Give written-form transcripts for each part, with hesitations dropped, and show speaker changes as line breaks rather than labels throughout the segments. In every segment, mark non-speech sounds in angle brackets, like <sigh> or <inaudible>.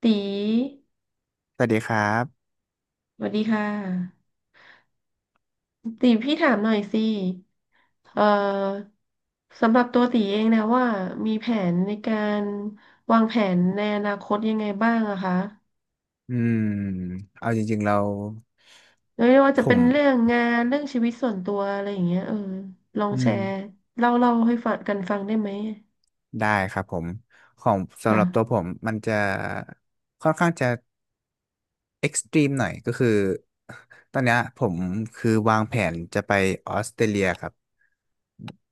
ตี
สวัสดีครับ
สวัสดีค่ะตีพี่ถามหน่อยสิเอ่อสำหรับตัวตีเองนะว่ามีแผนในการวางแผนในอนาคตยังไงบ้างอะคะ
อืมเอาจริงๆเรา
ไม่ว่า
ผ
จะเป็
ม
นเรื่องงานเรื่องชีวิตส่วนตัวอะไรอย่างเงี้ยลอง
อื
แช
ม
ร์เล่าให้ฟังกันฟังได้ไหม
ได้ครับผม ของสำหรับตัวผ
ค่ะ
มมันจะค่อนข้างจะเอ็กซ์ตรีมหน่อยก็คือ ตอนเนี้ยผมคือวางแผนจะไปออสเตรเลียครับ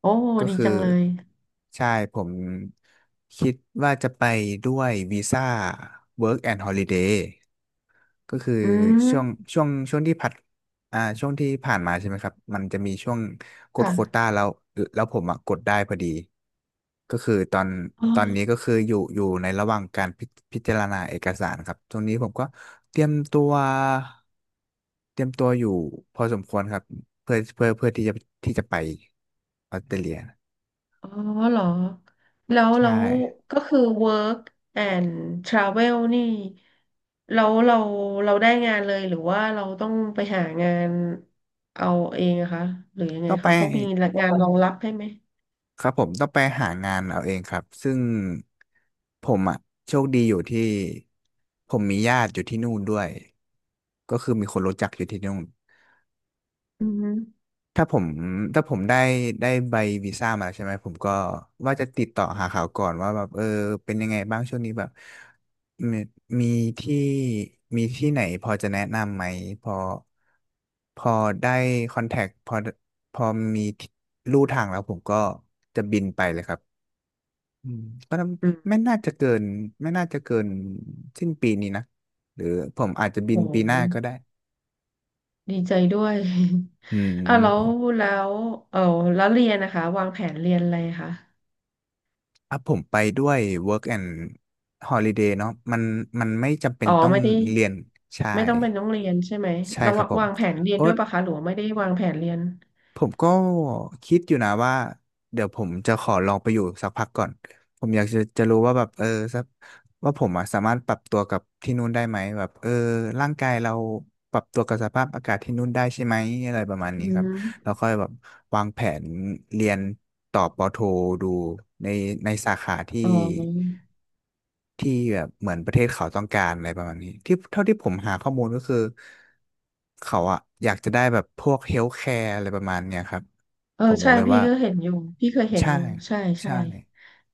โอ้
ก็
ดี
คือ
จังเลย
ใช่ผมคิดว่าจะไปด้วยวีซ่า Work and Holiday ก็คือ
อื
ช่วง
ม
ช่วงที่ผัดช่วงที่ผ่านมาใช่ไหมครับมันจะมีช่วงกด
ค่
โควต้าแล้วแล้วผมอ่ะกดได้พอดีก็คือตอนนี้
ะ
ก็คืออยู่ในระหว่างการพิจารณาเอกสารครับตรงนี้ผมก็เตรียมตัวเตรียมตัวอยู่พอสมควรครับเพื่อที่จะที่จะไปออสเตรเลีย
อ๋อเหรอแล้วแล้
ใช่
วก็คือ work and travel นี่แล้วเราได้งานเลยหรือว่าเราต้องไปหางานเอาเองอะคะ หรือยังไง
ต้องไป
คะเขามีงานรองรับให้ไหม
ครับผมต้องไปหางานเอาเองครับซึ่งผมอ่ะโชคดีอยู่ที่ผมมีญาติอยู่ที่นู่นด้วยก็คือมีคนรู้จักอยู่ที่นู่น
อือฮึ
ถ้าผมถ้าผมได้ใบวีซ่ามาแล้วใช่ไหมผมก็ว่าจะติดต่อหาเขาก่อนว่าแบบเป็นยังไงบ้างช่วงนี้แบบมีมีที่มีที่ไหนพอจะแนะนำไหมพอพอได้คอนแทคพอพอมีที่ลู่ทางแล้วผมก็จะบินไปเลยครับ อืมก็
อืม
ไม่น่าจะเกินไม่น่าจะเกินสิ้นปีนี้นะหรือผมอาจจะบินปี
โห
หน้าก็ได้
ดีใจด้วย
อื
<laughs> อ่ะแล้ว
ม
แล้วเออแล้วเรียนนะคะวางแผนเรียนอะไรคะ
อ่ะผมไปด้วย work and holiday เนาะมันไม่จำเป็น
อ๋อ
ต้อง
ไม่ได้
เรียนใช่
ไม่ต้องเป็นต้องเรียนใช่ไหม
ใช่
เรา
ครับผม
วางแผนเรียน
โอ้
ด้วยปะคะหรือว่าไม่ได้วางแผนเรียน
ผมก็คิดอยู่นะว่าเดี๋ยวผมจะขอลองไปอยู่สักพักก่อนผมอยากจะรู้ว่าแบบสักว่าผมอะสามารถปรับตัวกับที่นู่นได้ไหมแบบร่างกายเราปรับตัวกับสภาพอากาศที่นู่นได้ใช่ไหมอะไรประมาณนี้
อื
ครับแล้
ม
วค่อยแบบวางแผนเรียนต่อปอโทดูในในสาขาที่
อ๋อ
ที่แบบเหมือนประเทศเขาต้องการอะไรประมาณนี้ที่เท่าที่ผมหาข้อมูลก็คือเขาอะอยากจะได้แบบพวกเฮลท์แคร์อะไรประมาณเนี้ยครับ ผมบอ
ใช่
ก็เลย
พี่
ว่า
ก็เห็นอยู่พี่เคยเห็น
ใช่
อยู่ใช่ใช่
ใช่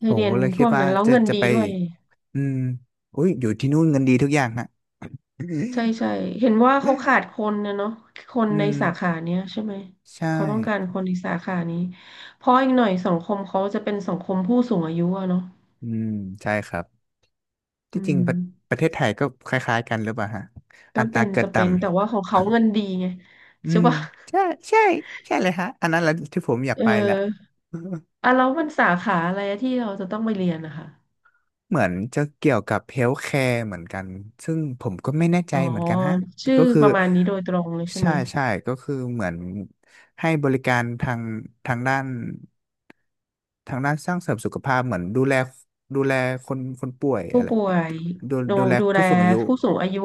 ให้
ผม
เรีย
ก็
น
เลย
พ
คิด
วก
ว่า
นั้นแล้ว
จะ
เงิน
จะ
ดี
ไป
ด้วย
อืมอุ้ยอยู่ที่นู่นเงินดีทุกอย่างนะ <laughs>
ใช่ใช่เห็นว่าเขาขาดคนนะเนาะคน
อื
ใน
ม
สาขาเนี้ยใช่ไหม
ใช่
เขาต้องการคนในสาขานี้เพราะอีกหน่อยสังคมเขาจะเป็นสังคมผู้สูงอายุอะเนาะ
อืมใช่ครับ
อื
ที่จริง
ม
ประเทศไทยก็คล้ายๆกันหรือเปล่าฮะอั
ก็
ตรา
เป็น
เกิด
จะ
ต่
เป็นแต่ว่าของเขาเงินดีไง
ำอื
ใช่
ม
ปะ <laughs>
ใช่ใช่ใช่เลยฮะอันนั้นแหละที่ผมอยาก
เอ
ไปแหละ
ออ่ะแล้วมันสาขาอะไรอที่เราจะต้องไปเรียนนะคะ
เหมือนจะเกี่ยวกับเฮล t h แคร์เหมือนกันซึ่งผมก็ไม่แน่ใจ
อ๋อ
เหมือนกันฮะ
ชื่อ
ก็คือ
ประมาณนี้โดยตรงเลยใช่ไห
ใช่
ม
ใช่ก็คือเหมือนให้บริการทางด้านทางด้านสร้างเสริมสุขภาพเหมือนดูแลคนป่วย
ผู้
อะไร
ป่วยดู
ดูแล
ดูแล
ผู้สูงอายุ
ผู้สูงอายุ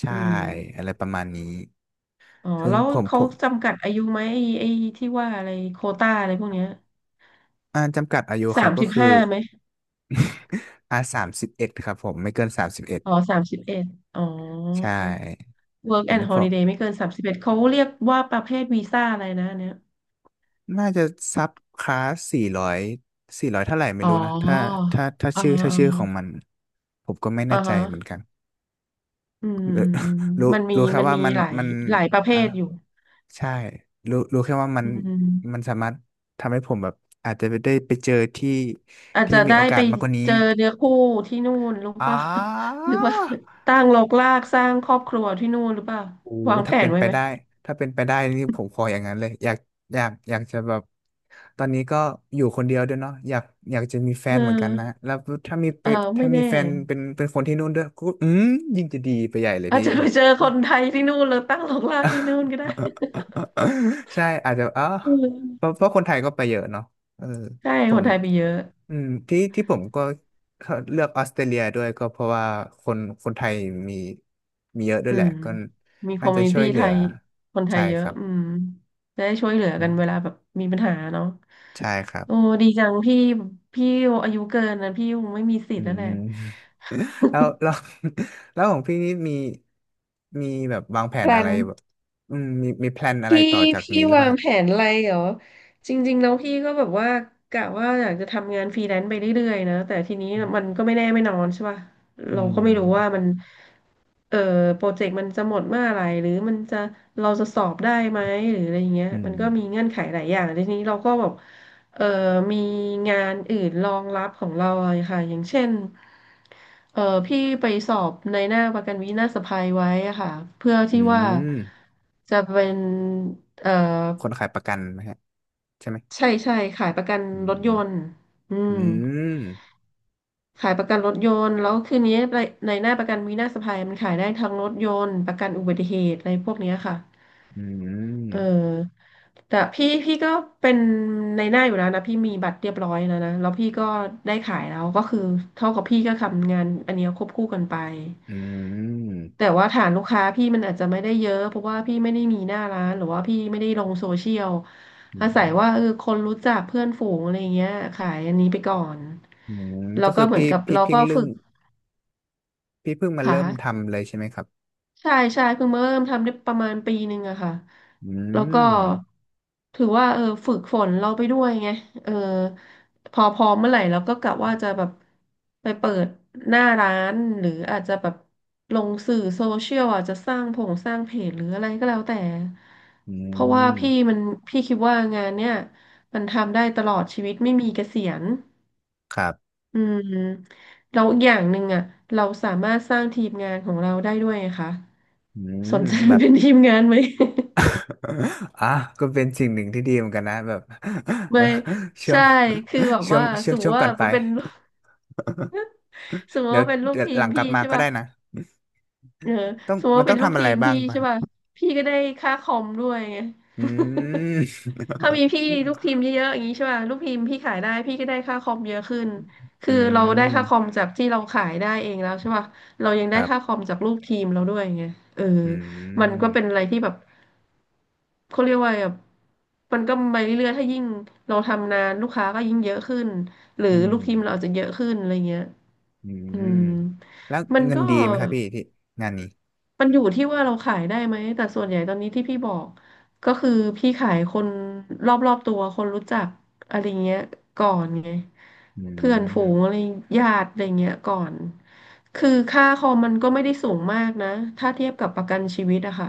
ใช่
อืม
อะไรประมาณนี้
อ๋อ
ซึ่ง
แล้ว
ผมผ
เขา
ม
จำกัดอายุไหมไอ้ที่ว่าอะไรโควต้าอะไรพวกเนี้ย
อ่าจำกัดอายุค
สา
รับ
ม
ก็
สิบ
คือ
ห้าไหม
<laughs> อ่า31ครับผมไม่เกินสามสิบเอ็ด
อ๋อสามสิบเอ็ดอ๋อ
ใช่
work
อัน
and
นี้ผม
holiday ไม่เกิน31เขาเรียกว่าประเภทวีซ่าอะไรนะอันเนี่ย
น่าจะซับคลาสสี่ร้อยเท่าไหร่ไม่
อ๋อ
รู้นะ
อ่า
ถ้า
อ่า
ชื่อของมันผมก็ไม่แน่
อ่า
ใจ
ฮะ
เหมือนกัน
อืม
<laughs> เออ
อืมอืม
รู้
มันมี
รู้แค่
มัน
ว่า
มี
มัน
หลาย
มัน
หลายประเภ
อ่ะ
ทอยู่
ใช่รู้แค่ว่า
อื
มัน
ม
สามารถทำให้ผมแบบอาจจะได้ไปเจอที่
อาจ
ที่
จะ
มี
ได้
โอกา
ไป
สมากกว่านี้
เจอเนื้อคู่ที่นู่นแล้ว
อ๋อ
ก็ <laughs> หรือว่าตั้งรกรากสร้างครอบครัวที่นู่นหรือเปล่า
โอ้
วางแผ
ถ้าเป็
น
น
ไว้
ไป
ไหม
ได้ถ้าเป็นไปได้นี่ผมขออย่างนั้นเลยอยากจะแบบตอนนี้ก็อยู่คนเดียวด้วยเนาะอยากจะมีแฟ
เอ
นเหมือนกันนะ
อ
แล้วถ้ามีไป
เออไม่
ถ้ามี
แน่
แฟนเป็นคนที่นู่นด้วยก็อืมยิ่งจะดีไปใหญ่เลย
อาจ
พี่
จะ
ค
ไป
รับ
เจอคนไทยที่นู่นแล้วตั้งรกรากที่นู่นก็ได้
<laughs> ใช่อาจจะอ๋อ
อืม
เพราะคนไทยก็ไปเยอะเนาะเออ
ใช่
ผ
คน
ม
ไทยไปเยอะ
อืมที่ที่ผมก็เลือกออสเตรเลียด้วยก็เพราะว่าคนคนไทยมีมีเยอะด้ว
อื
ยแหละ
ม
ก็
มีค
น่า
อม
จะ
มูนิ
ช่ว
ตี้
ยเหลื
ไท
อ
ยคนไท
ใช่
ยเย
ค
อะ
รับ
อืมจะได้ช่วยเหลือ
อื
กันเวลา
ม
แบบมีปัญหาเนาะ
ใช่ครับ
โอ้ดีจังพี่พี่อายุเกินนะพี่คงไม่มีสิท
อื
ธิ์แล้วแห
ม
ละ
<laughs> แล้วแล้ว <laughs> แล้วของพี่นี่มีแบบวางแผ
แพ
น
ล
อะไร
น
แบบอืมมีแพลนอะไร
พี่
ต่อจาก
พี่
นี้หรือเป
วา
ล่า
งแผนอะไรเหรอจริงๆแล้วพี่ก็แบบว่ากะว่าอยากจะทำงานฟรีแลนซ์ไปเรื่อยๆนะแต่ทีนี้มันก็ไม่แน่ไม่นอนใช่ป่ะ
อื
เราก็
ม
ไม่รู้ว่ามัน เออโปรเจกต์มันจะหมดเมื่อไหร่หรือมันจะเราจะสอบได้ไหมหรืออะไรอย่างเงี้ย
อืม
มัน
อื
ก็
ม
มีเงื่อนไขหลายอย่างทีนี้เราก็แบบเออมีงานอื่นรองรับของเราอะค่ะอย่างเช่นเออพี่ไปสอบในหน้าประกันวินาศภัยไว้อะค่ะเพื่อ
อื
ที่ว่า
ม
จะเป็นเออ
คนขายประกันไหมฮะ ใช่ไหม
ใช่ใช่ขายประกัน
อื
รถ
ม
ยนต์อื
อื
ม
ม
ขายประกันรถยนต์แล้วคืนนี้ในในหน้าประกันวินาศภัยมันขายได้ทั้งรถยนต์ประกันอุบัติเหตุอะไรพวกเนี้ยค่ะ
อื
เ
ม
ออแต่พี่ก็เป็นในหน้าอยู่แล้วนะพี่มีบัตรเรียบร้อยแล้วนะแล้วพี่ก็ได้ขายแล้วก็คือเท่ากับพี่ก็ทำงานอันเนี้ยควบคู่กันไป
อืม
แต่ว่าฐานลูกค้าพี่มันอาจจะไม่ได้เยอะเพราะว่าพี่ไม่ได้มีหน้าร้านหรือว่าพี่ไม่ได้ลงโซเชียล
อื
อาศัย
ม
ว่าเออคนรู้จักเพื่อนฝูงอะไรเงี้ยขายอันนี้ไปก่อน
อืม
แล้
ก็
วก็
คือ
เหมือ
พี่
นกับ
พี่
เรา
เพิ่ง
ก็
เรื่อ
ฝึ
ง
ก
พี่เพิ่งมา
ค
เริ่ม
่ะ
ทำเลยใช่ไหมครับ
ใช่ใช่เพิ่งมาเริ่มทำได้ประมาณปีหนึ่งอะค่ะ
อื
แล้วก็
ม
ถือว่าเออฝึกฝนเราไปด้วยไงเออพอพร้อมเมื่อไหร่เราก็กะว่าจะแบบไปเปิดหน้าร้านหรืออาจจะแบบลงสื่อโซเชียลอาจจะสร้างผงสร้างเพจหรืออะไรก็แล้วแต่
อื
เพราะว่า
ม
พี่มันพี่คิดว่างานเนี่ยมันทำได้ตลอดชีวิตไม่มีเกษียณ
ครับ
อืมแล้วอย่างหนึ่งอ่ะเราสามารถสร้างทีมงานของเราได้ด้วยไงคะ
อืม
สนใจ
แบบ
เป็นทีมงานไหม
<laughs> อ่ะก็เป็นสิ่งหนึ่งที่ดีเหมือนกันนะแบบ
<laughs> ไม่
<laughs> ช่วง
ใช่คือแบบว่าสมม
ช่วง
ติ
ก่
ว่า
อนไป
มันเป็น <laughs> สมม
<laughs>
ติ
เดี๋ยว
ว่าเป็นลูก
เดี๋ยว
ที
ห
ม
ลังกลั
พี่
บมา
ใช่
ก็ได้
ป่ะ
นะ
เออ
ต้อง
สมมติ
มัน
ว่า
ต้อ
เป็
ง
นลูก
ทำอะ
ที
ไร
ม
บ้า
พี่
งปะ
ใช่
ฮะ
ป่ะพี่ก็ได้ค่าคอมด้วยไง
อืม
<laughs> ถ้ามีพี่ลูกทีม
<laughs>
เยอะๆอย่างนี้ใช่ป่ะลูกทีมพี่ขายได้พี่ก็ได้ค่าคอมเยอะขึ้นคื
อื
อเราได้ค่าคอม
ม
จากที่เราขายได้เองแล้วใช่ป่ะเรายัง
ค
ได้
รั
ค่าค
บ
อมจากลูกทีมเราด้วยไงเออ
อื
มันก็เป็นอะ
ม
ไรที่แบบเขาเรียกว่าแบบมันก็ไปเรื่อยๆถ้ายิ่งเราทำนานลูกค้าก็ยิ่งเยอะขึ้นหรือ
อื
ลู
ม
กทีมเราอาจจะเยอะขึ้นอะไรเงี้ย
อื
อื
ม
ม
แล้ว
มัน
เงิน
ก็
ดีไหมครับพี่ที่งานนี้
มันอยู่ที่ว่าเราขายได้ไหมแต่ส่วนใหญ่ตอนนี้ที่พี่บอกก็คือพี่ขายคนรอบๆตัวคนรู้จักอะไรเงี้ยก่อนไง
อื
เพื่อนฝูง
ม
อะไรญาติอะไรเงี้ยก่อนคือค่าคอมมันก็ไม่ได้สูงมากนะถ้าเทียบกับประกันชีวิตอะค่ะ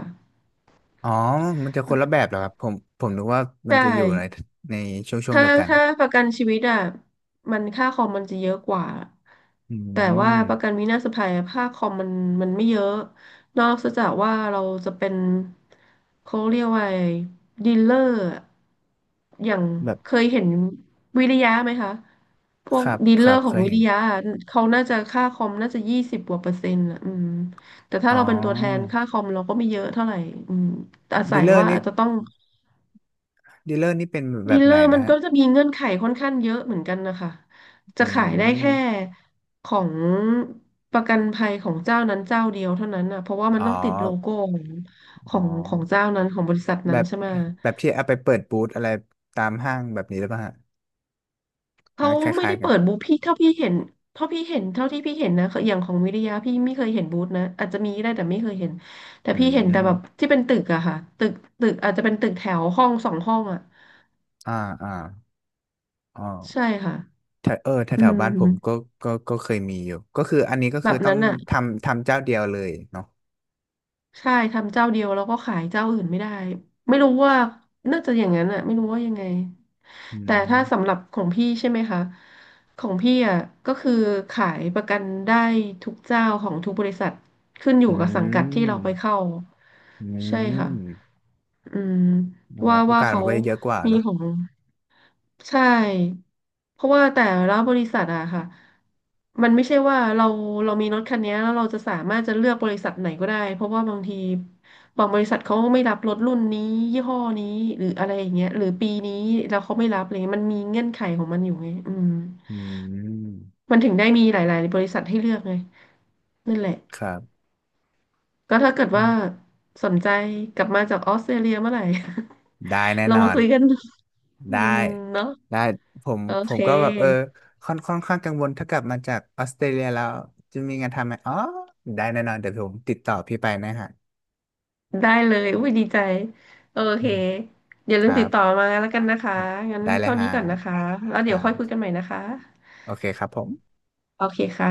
อ๋อมันจะคนละแบบเหรอครับผมนึกว่า
ใช
มันจะอยู่ใน
่
ในช่วง
ถ้า
เดียวกัน
ถ้าประกันชีวิตอ่ะมันค่าคอมมันจะเยอะกว่า
อื
แต่ว่าประ
ม
กันวินาศภัยอะค่าคอมมันไม่เยอะนอกจากว่าเราจะเป็นเขาเรียกว่าอะไรดีลเลอร์อะอย่าง
แบบ
เคยเห็นวิริยะไหมคะพว
ค
ก
รับ
ดีล
ค
เลอ
รับ
ร์ขอ
เค
ง
ย
วิ
เห็
ริ
น
ยะอะเขาน่าจะค่าคอมน่าจะ20 กว่า%อ่ะอืมแต่ถ้า
อ๋
เราเป็นตัวแทน
อ
ค่าคอมเราก็ไม่เยอะเท่าไหร่อืมอาศั
ดีล
ย
เลอร์
ว่า
นี่
อาจจะต้อง
ดีลเลอร์นี่เป็นแบ
ดี
บ
ลเล
ไหน
อร์
นะ
มัน
ฮะ
ก็จะมีเงื่อนไขค่อนข้างเยอะเหมือนกันนะคะจะ
อื
ขายได้แค่
ม
ของประกันภัยของเจ้านั้นเจ้าเดียวเท่านั้นนะเพราะว่ามั
อ๋
น
อ
ต้องติดโลโก้ของข
อ๋
อ
อ
งของเจ้านั้นของบริษัท
แบ
นั้น
บ
ใช่ไหม
ที่เอาไปเปิดบูธอะไรตามห้างแบบนี้หรือเปล่าฮะ
เขา
นั้นค
ไม่
ล้าย
ได้
ๆกัน
เปิดบูธพี่เท่าพี่เห็นเท่าที่พี่เห็นนะอย่างของวิทยาพี่ไม่เคยเห็นบูธนะอาจจะมีได้แต่ไม่เคยเห็นแต่
อื
พี่เห็นแต่
ม
แบบที่เป็นตึกอะค่ะตึกตึกอาจจะเป็นตึกแถวห้อง2 ห้องอะ
อ่าอ่าอ๋อ
ใช่ค่ะ
แถวเออแถว
อื
แถวบ้านผมก็
ม
ก็เคยมีอยู่ก็คืออันนี้ก็
แบ
คือ
บ
ต้อ
นั้
ง
นอะ
ทำเจ้าเดียวเลยเนาะ
ใช่ทำเจ้าเดียวแล้วก็ขายเจ้าอื่นไม่ได้ไม่รู้ว่าน่าจะอย่างนั้นอะไม่รู้ว่ายังไง
อื
แต่
ม
ถ้าสำหรับของพี่ใช่ไหมคะของพี่อ่ะก็คือขายประกันได้ทุกเจ้าของทุกบริษัทขึ้นอยู่
อื
กับสังกัดที่เราไป
ม
เข้า
อื
ใช่ค่ะ
ม
อืม
เนาะ
ว่า
โอ
ว่า
กาส
เขา
มันก็จะเยอะกว่า
มี
เนาะ
ของใช่เพราะว่าแต่ละบริษัทอะค่ะมันไม่ใช่ว่าเรามีรถคันนี้แล้วเราจะสามารถจะเลือกบริษัทไหนก็ได้เพราะว่าบางทีบางบริษัทเขาไม่รับรถรุ่นนี้ยี่ห้อนี้หรืออะไรอย่างเงี้ยหรือปีนี้แล้วเขาไม่รับอะไรเงี้ยมันมีเงื่อนไขของมันอยู่ไงอืม
อืม
มันถึงได้มีหลายๆบริษัทให้เลือกไงนั่นแหละ
ครับ
ก็ถ้าเกิด
อื
ว่า
ม
สนใจกลับมาจากออสเตรเลียเมื่อไหร่ <laughs>
ได้แน่
เรา
นอ
มา
น
คุยกันอื
ได้
มเนาะ
ได้ผม
โอ
ผ
เ
มก็แบบเออ
ค
ค่อนข้างกังวลถ้ากลับมาจากออสเตรเลียแล้วจะมีงานทำไหมอ๋อได้แน่นอนเดี๋ยวผมติดต่อพี่ไปนะฮะ
ได้เลยอุ้ยดีใจโอ
อื
เค
ม
อย่า
ค
ลืม
รั
ติดต่อ
บ
มาแล้วกันนะคะงั้น
ได้เลย
เท่า
ฮะ
นี้ก่อนนะคะแล้ว
ค
เดี๋ย
รั
วค่อยคุยกัน
บ
ใหม่นะคะ
โอเคครับผม
โอเคค่ะ